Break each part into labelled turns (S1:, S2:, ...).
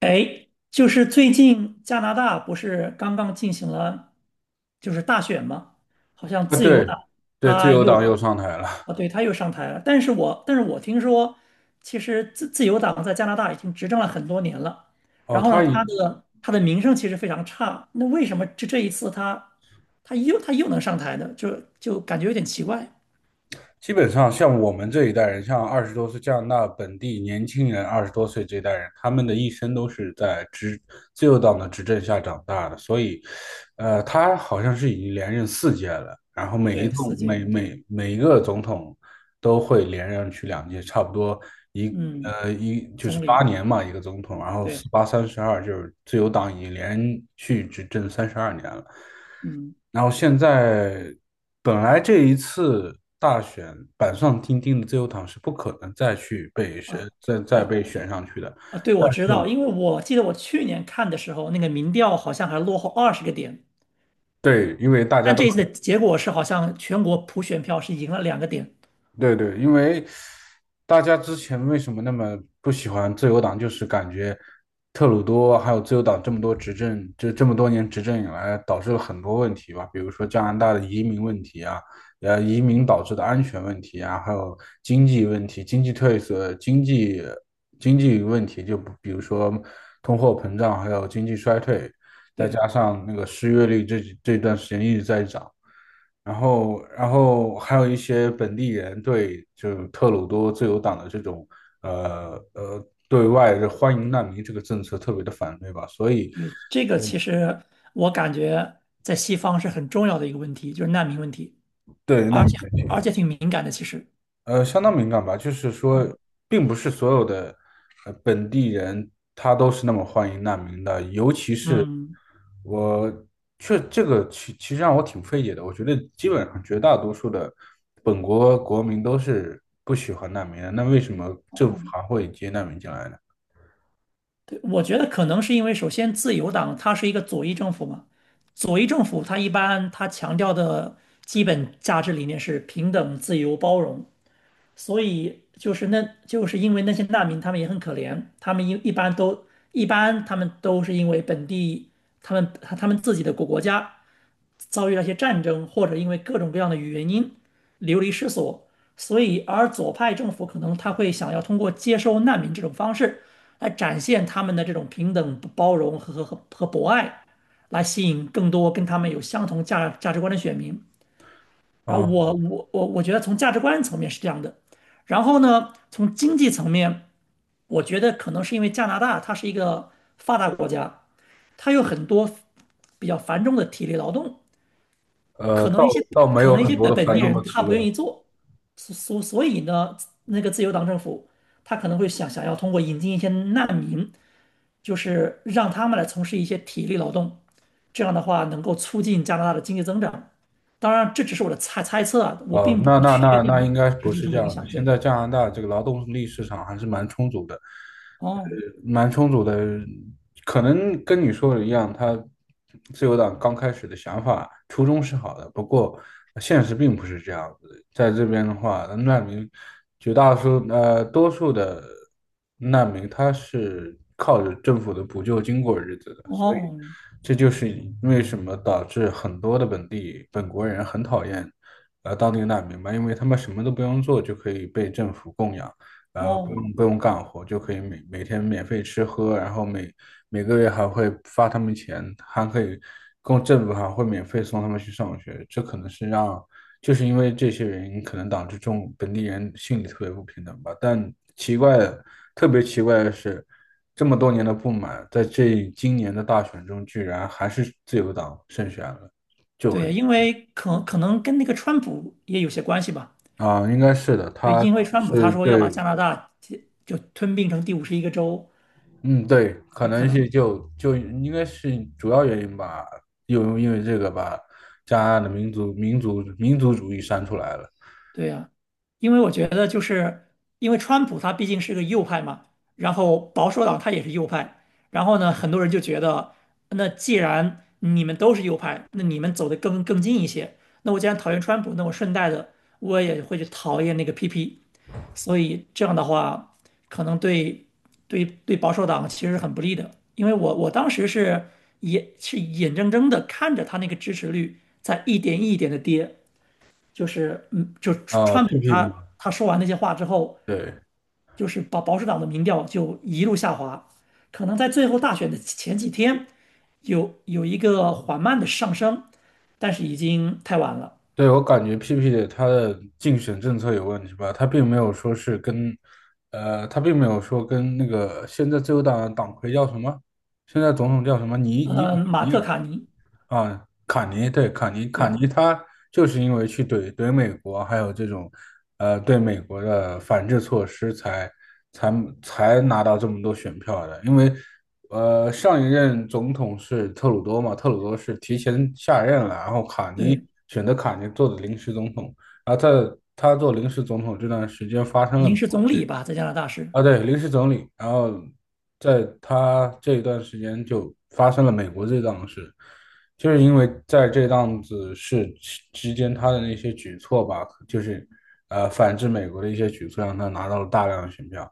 S1: 哎，就是最近加拿大不是刚刚进行了就是大选吗？好像
S2: 啊，
S1: 自由
S2: 对
S1: 党
S2: 对，自
S1: 他
S2: 由党
S1: 又
S2: 又上台了。
S1: 啊，对，他又上台了。但是我听说，其实自由党在加拿大已经执政了很多年了。
S2: 哦，
S1: 然后呢，他的名声其实非常差。那为什么这一次他他又能上台呢？就感觉有点奇怪。
S2: 基本上像我们这一代人，像二十多岁加拿大本地年轻人，二十多岁这一代人，他们的一生都是在自由党的执政下长大的。所以，他好像是已经连任4届了，然后每一
S1: 对，
S2: 共
S1: 四届，
S2: 每
S1: 对，
S2: 每每一个总统都会连任去2届，差不多
S1: 嗯，
S2: 一就是
S1: 总理，
S2: 八
S1: 对
S2: 年嘛，一个总统，然后
S1: 对，
S2: 四八三十二，就是自由党已经连续执政32年了。
S1: 嗯。
S2: 然后现在本来这一次大选板上钉钉的自由党是不可能再去被选，
S1: 啊。
S2: 再再
S1: 啊
S2: 被选上去的，
S1: 啊，对，
S2: 但
S1: 我知
S2: 是
S1: 道，因为我记得我去年看的时候，那个民调好像还落后20个点，
S2: 对，因为大家
S1: 但
S2: 都。
S1: 这一次的结果是好像全国普选票是赢了2个点。
S2: 对对，因为大家之前为什么那么不喜欢自由党，就是感觉特鲁多还有自由党这么多执政，就这么多年执政以来，导致了很多问题吧，比如说加拿大的移民问题啊，移民导致的安全问题啊，还有经济问题、经济退色、经济问题，就不比如说通货膨胀，还有经济衰退，再
S1: 对，
S2: 加上那个失业率这段时间一直在涨。然后还有一些本地人对就特鲁多自由党的这种对外的欢迎难民这个政策特别的反对吧，所以
S1: 嗯，这个其实我感觉在西方是很重要的一个问题，就是难民问题，
S2: 对难
S1: 而且
S2: 民。
S1: 而且挺敏感的。其实，
S2: 相当敏感吧，就是说，
S1: 嗯
S2: 并不是所有的本地人他都是那么欢迎难民的，尤其是
S1: 嗯，
S2: 我确这个其其实让我挺费解的。我觉得基本上绝大多数的本国国民都是不喜欢难民的，那为什么政府
S1: 哦，
S2: 还会接难民进来呢？
S1: 对，我觉得可能是因为首先自由党它是一个左翼政府嘛，左翼政府它一般它强调的基本价值理念是平等、自由、包容。所以就是那就是因为那些难民，他们也很可怜，他们一一般都一般他们都是因为他们自己的国家遭遇了一些战争，或者因为各种各样的原因流离失所。所以，而左派政府可能他会想要通过接收难民这种方式，来展现他们的这种平等、包容和博爱，来吸引更多跟他们有相同价值观的选民。然后
S2: 哦，
S1: 我觉得从价值观层面是这样的，然后呢，从经济层面，我觉得可能是因为加拿大它是一个发达国家，它有很多比较繁重的体力劳动，
S2: 呃，
S1: 可
S2: 倒
S1: 能一些
S2: 倒没
S1: 可
S2: 有
S1: 能一
S2: 很
S1: 些
S2: 多
S1: 本
S2: 的
S1: 本
S2: 繁
S1: 地
S2: 重的
S1: 人他
S2: 提
S1: 不愿
S2: 问。
S1: 意做，所以呢，那个自由党政府他可能会想要通过引进一些难民就是让他们来从事一些体力劳动，这样的话能够促进加拿大的经济增长。当然，这只是我的猜测啊，我
S2: 哦，
S1: 并不
S2: 那那
S1: 确
S2: 那
S1: 定
S2: 那应该不
S1: 实际有
S2: 是
S1: 什
S2: 这
S1: 么影
S2: 样的。
S1: 响。
S2: 现
S1: 对，
S2: 在加拿大这个劳动力市场还是蛮充足的，
S1: 哦，
S2: 蛮充足的。可能跟你说的一样，自由党刚开始的想法初衷是好的，不过现实并不是这样子的。在这边的话，难民绝大多数呃多数的难民他是靠着政府的补救金过日子的，所以
S1: 哦，
S2: 这就是为什么导致很多的本国人很讨厌。当地难民吧，因为他们什么都不用做就可以被政府供养，不
S1: 哦，
S2: 用不用干活就可以每天免费吃喝，然后每个月还会发他们钱，还可以政府还会免费送他们去上学，这可能是就是因为这些原因，可能导致本地人心里特别不平等吧。但奇怪的，特别奇怪的是，这么多年的不满，在今年的大选中，居然还是自由党胜选了，就很。
S1: 对，因为可能跟那个川普也有些关系吧。
S2: 啊，应该是的，
S1: 对，
S2: 他
S1: 因为川普他
S2: 是
S1: 说要把加
S2: 对，
S1: 拿大就吞并成第51个州，
S2: 嗯，对，可
S1: 也可
S2: 能是
S1: 能。
S2: 就应该是主要原因吧，又因为这个把加拿大的民族主义删出来了
S1: 对呀，因为我觉得因为川普他毕竟是个右派嘛，然后保守党他也是右派，然后呢，很多人就觉得，那既然你们都是右派，那你们走得更近一些，那我既然讨厌川普，那我顺带的我也会去讨厌那个 PP，所以这样的话，可能对保守党其实是很不利的，因为我当时是眼睁睁的看着他那个支持率在一点一点的跌。就是就
S2: 啊
S1: 川普
S2: ，PP
S1: 他
S2: 嘛，
S1: 他说完那些话之后，
S2: 对
S1: 就是保守党的民调就一路下滑，可能在最后大选的前几天有一个缓慢的上升，但是已经太晚了。
S2: 对，我感觉 PP 的他的竞选政策有问题吧，他并没有说跟那个现在自由党党魁叫什么，现在总统叫什么
S1: 呃，马克卡尼，
S2: 啊，卡尼对卡尼，卡
S1: 对
S2: 尼他就是因为去怼美国，还有这种，对美国的反制措施才，才才拿到这么多选票的。因为，上一任总统是特鲁多嘛，特鲁多是提前下任了，然后
S1: 对，
S2: 选择卡尼做的临时总统，然后在他做临时总统这段时间发生了美
S1: 临时
S2: 国。
S1: 总理吧，在加拿大是，
S2: 啊，对，临时总理。然后在他这一段时间就发生了美国这档事，就是因为在这档子事之间，他的那些举措吧，就是反制美国的一些举措，让他拿到了大量的选票。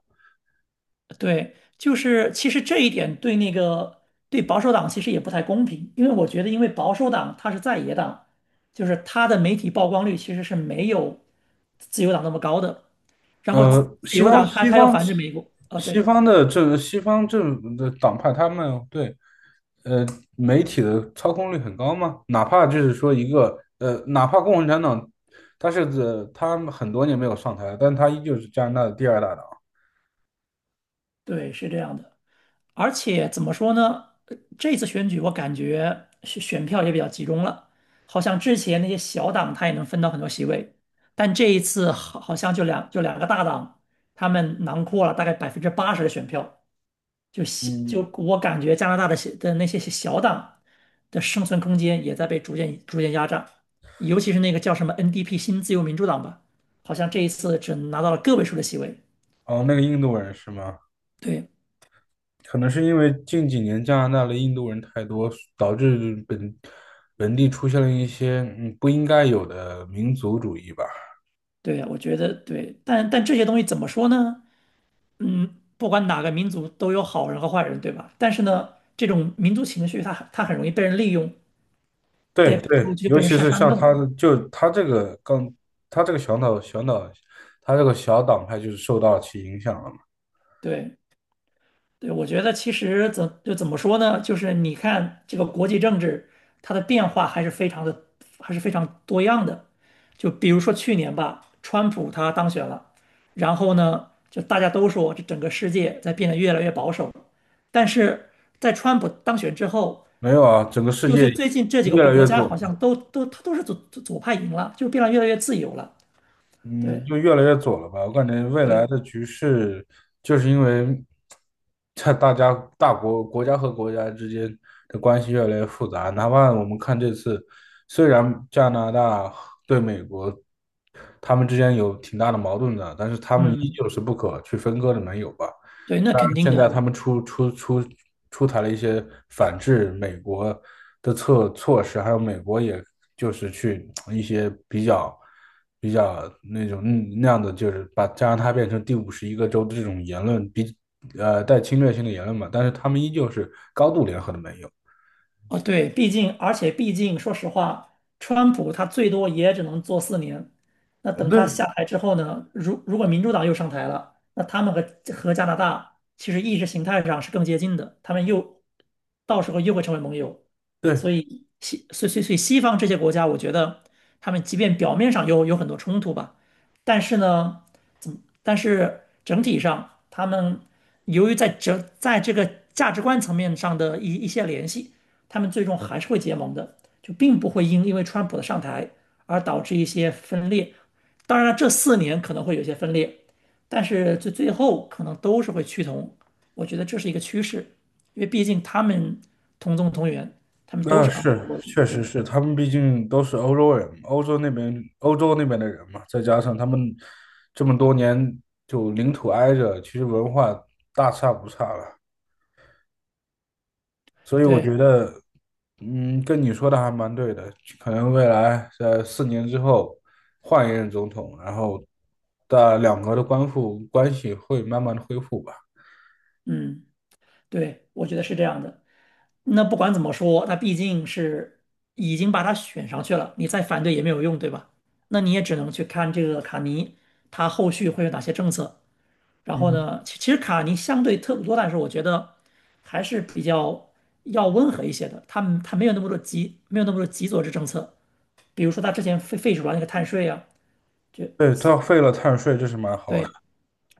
S1: 对，就是其实这一点对那个对保守党其实也不太公平，因为我觉得因为保守党它是在野党，就是它的媒体曝光率其实是没有自由党那么高的。然后自
S2: 呃，
S1: 自
S2: 西
S1: 由
S2: 方
S1: 党他
S2: 西
S1: 他要
S2: 方
S1: 反制美国，啊，
S2: 西
S1: 对
S2: 方的政西方政府的党派，他们对呃，媒体的操控率很高吗？哪怕就是说一个呃，哪怕共产党，他很多年没有上台了，但他依旧是加拿大的第二大党。
S1: 对，是这样的。而且怎么说呢？呃这次选举我感觉选票也比较集中了，好像之前那些小党他也能分到很多席位，但这一次好像就两个大党，他们囊括了大概80%的选票，就小就
S2: 嗯，
S1: 我感觉加拿大的小的那些小党的生存空间也在被逐渐压榨，尤其是那个叫什么 NDP 新自由民主党吧，好像这一次只拿到了个位数的席位。
S2: 哦，那个印度人是吗？
S1: 对
S2: 可能是因为近几年加拿大的印度人太多，导致本地出现了一些不应该有的民族主义吧。
S1: 对啊，我觉得对，但这些东西怎么说呢？嗯，不管哪个民族都有好人和坏人，对吧？但是呢，这种民族情绪它很容易被人利用，
S2: 对对，
S1: 就
S2: 尤
S1: 被人
S2: 其
S1: 煽
S2: 是
S1: 煽
S2: 像他
S1: 动。
S2: 的，就他这个刚，他这个小岛，他这个小党派就是受到其影响了。
S1: 对对，我觉得其实怎么说呢？就是你看这个国际政治，它的变化还是非常的还是非常多样的。就比如说去年吧，川普他当选了，然后呢，就大家都说这整个世界在变得越来越保守。但是在川普当选之后，
S2: 没有啊，整个世
S1: 又
S2: 界
S1: 就最近这几个
S2: 越
S1: 国
S2: 来
S1: 国
S2: 越
S1: 家
S2: 左
S1: 好
S2: 了，
S1: 像都他都是左派赢了，就变得越来越自由了。
S2: 嗯，
S1: 对
S2: 就越来越左了吧？我感觉未
S1: 对，
S2: 来的局势就是因为在大家大国国家和国家之间的关系越来越复杂。哪怕我们看这次，虽然加拿大对美国他们之间有挺大的矛盾的，但是他们依
S1: 嗯，
S2: 旧是不可去分割的盟友吧？
S1: 对，那肯定
S2: 现在他
S1: 的。
S2: 们出台了一些反制美国的措施，还有美国也就是去一些比较那种那样的，就是把加拿大变成第51个州的这种言论比呃带侵略性的言论嘛，但是他们依旧是高度联合的盟友。
S1: 哦，对，毕竟，而且毕竟，说实话，川普他最多也只能做四年。那等他
S2: 对
S1: 下台之后呢，如果民主党又上台了，那他们和加拿大其实意识形态上是更接近的，他们又到时候又会成为盟友。所
S2: 对，
S1: 以西，所以所以所以西方这些国家，我觉得他们即便表面上有很多冲突吧，但是呢，怎么？但是整体上，他们由于在这个价值观层面上的一些联系。他们最终还是会结盟的，就并不会因为川普的上台而导致一些分裂。当然了，这四年可能会有些分裂，但是最后可能都是会趋同。我觉得这是一个趋势，因为毕竟他们同宗同源，他们都
S2: 那
S1: 是昂萨
S2: 是，
S1: 过去
S2: 确实
S1: 对
S2: 是，他们毕竟都是欧洲人，欧洲那边的人嘛，再加上他们这么多年就领土挨着，其实文化大差不差了，所以我
S1: 对，
S2: 觉得，嗯，跟你说的还蛮对的，可能未来在4年之后换一任总统，然后的两国的关系会慢慢的恢复吧。
S1: 嗯，对，我觉得是这样的。那不管怎么说，那毕竟是已经把他选上去了，你再反对也没有用，对吧？那你也只能去看这个卡尼他后续会有哪些政策。然后
S2: 嗯，
S1: 呢，其实卡尼相对特鲁多但是我觉得还是比较要温和一些的。他没有那么多极左之政策。比如说他之前废除了那个碳税啊，就
S2: 对，
S1: 是
S2: 他废了碳税，这是蛮好的。
S1: 对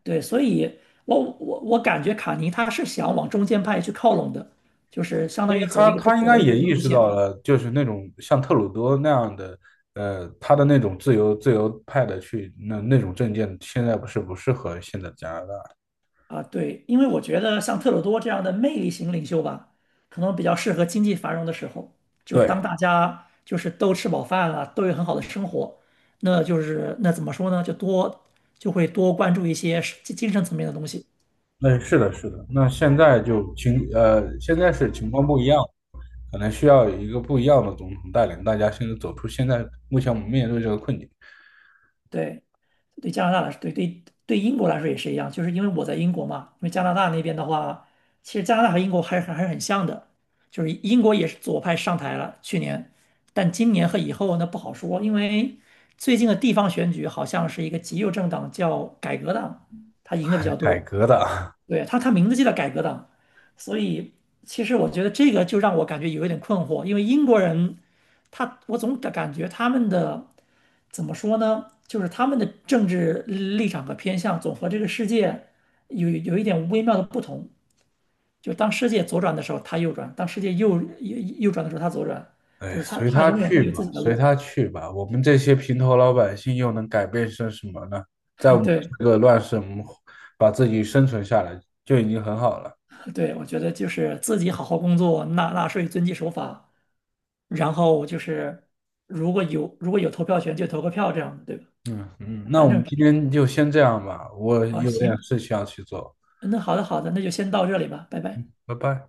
S1: 对，所以我感觉卡尼他是想往中间派去靠拢的，就是相
S2: 因
S1: 当
S2: 为
S1: 于走
S2: 他
S1: 一个中
S2: 他应
S1: 国
S2: 该
S1: 的路
S2: 也意
S1: 路
S2: 识到
S1: 线。
S2: 了，就是那种像特鲁多那样的，他的那种自由派的那种政见，现在不是不适合现在加拿大。
S1: 啊，对，因为我觉得像特鲁多这样的魅力型领袖吧，可能比较适合经济繁荣的时候，就是当
S2: 对，
S1: 大家就是都吃饱饭了，都有很好的生活，那就是那怎么说呢，就多就会多关注一些是精神层面的东西。
S2: 那是的，是的。那现在是情况不一样，可能需要一个不一样的总统带领大家，现在走出目前我们面对这个困境，
S1: 对。对加拿大来说，对对对英国来说也是一样，就是因为我在英国嘛，因为加拿大那边的话，其实加拿大和英国还是很像的，就是英国也是左派上台了去年，但今年和以后呢不好说，因为最近的地方选举好像是一个极右政党叫改革党，他赢的比较
S2: 改
S1: 多，
S2: 革的。
S1: 对，他名字就叫改革党，所以其实我觉得这个就让我感觉有一点困惑，因为英国人他我总感觉他们的怎么说呢，就是他们的政治立场和偏向总和这个世界有一点微妙的不同，就当世界左转的时候他右转，当世界右转的时候他左转，就
S2: 哎，
S1: 是他
S2: 随
S1: 他
S2: 他
S1: 永远他
S2: 去
S1: 有自
S2: 吧，
S1: 己的
S2: 随
S1: 路。
S2: 他去吧。我们这些平头老百姓又能改变些什么呢？在我 们
S1: 对
S2: 这个乱世，我们把自己生存下来就已经很好了。
S1: 对，我觉得就是自己好好工作，纳税，遵纪守法。然后就是如果有投票权就投个票这样的，对吧？
S2: 嗯嗯，那我
S1: 反正
S2: 们今天就先这样吧，我
S1: 哦
S2: 有点
S1: 行，
S2: 事情要去做，
S1: 那好的好的，那就先到这里吧，拜拜。
S2: 拜拜。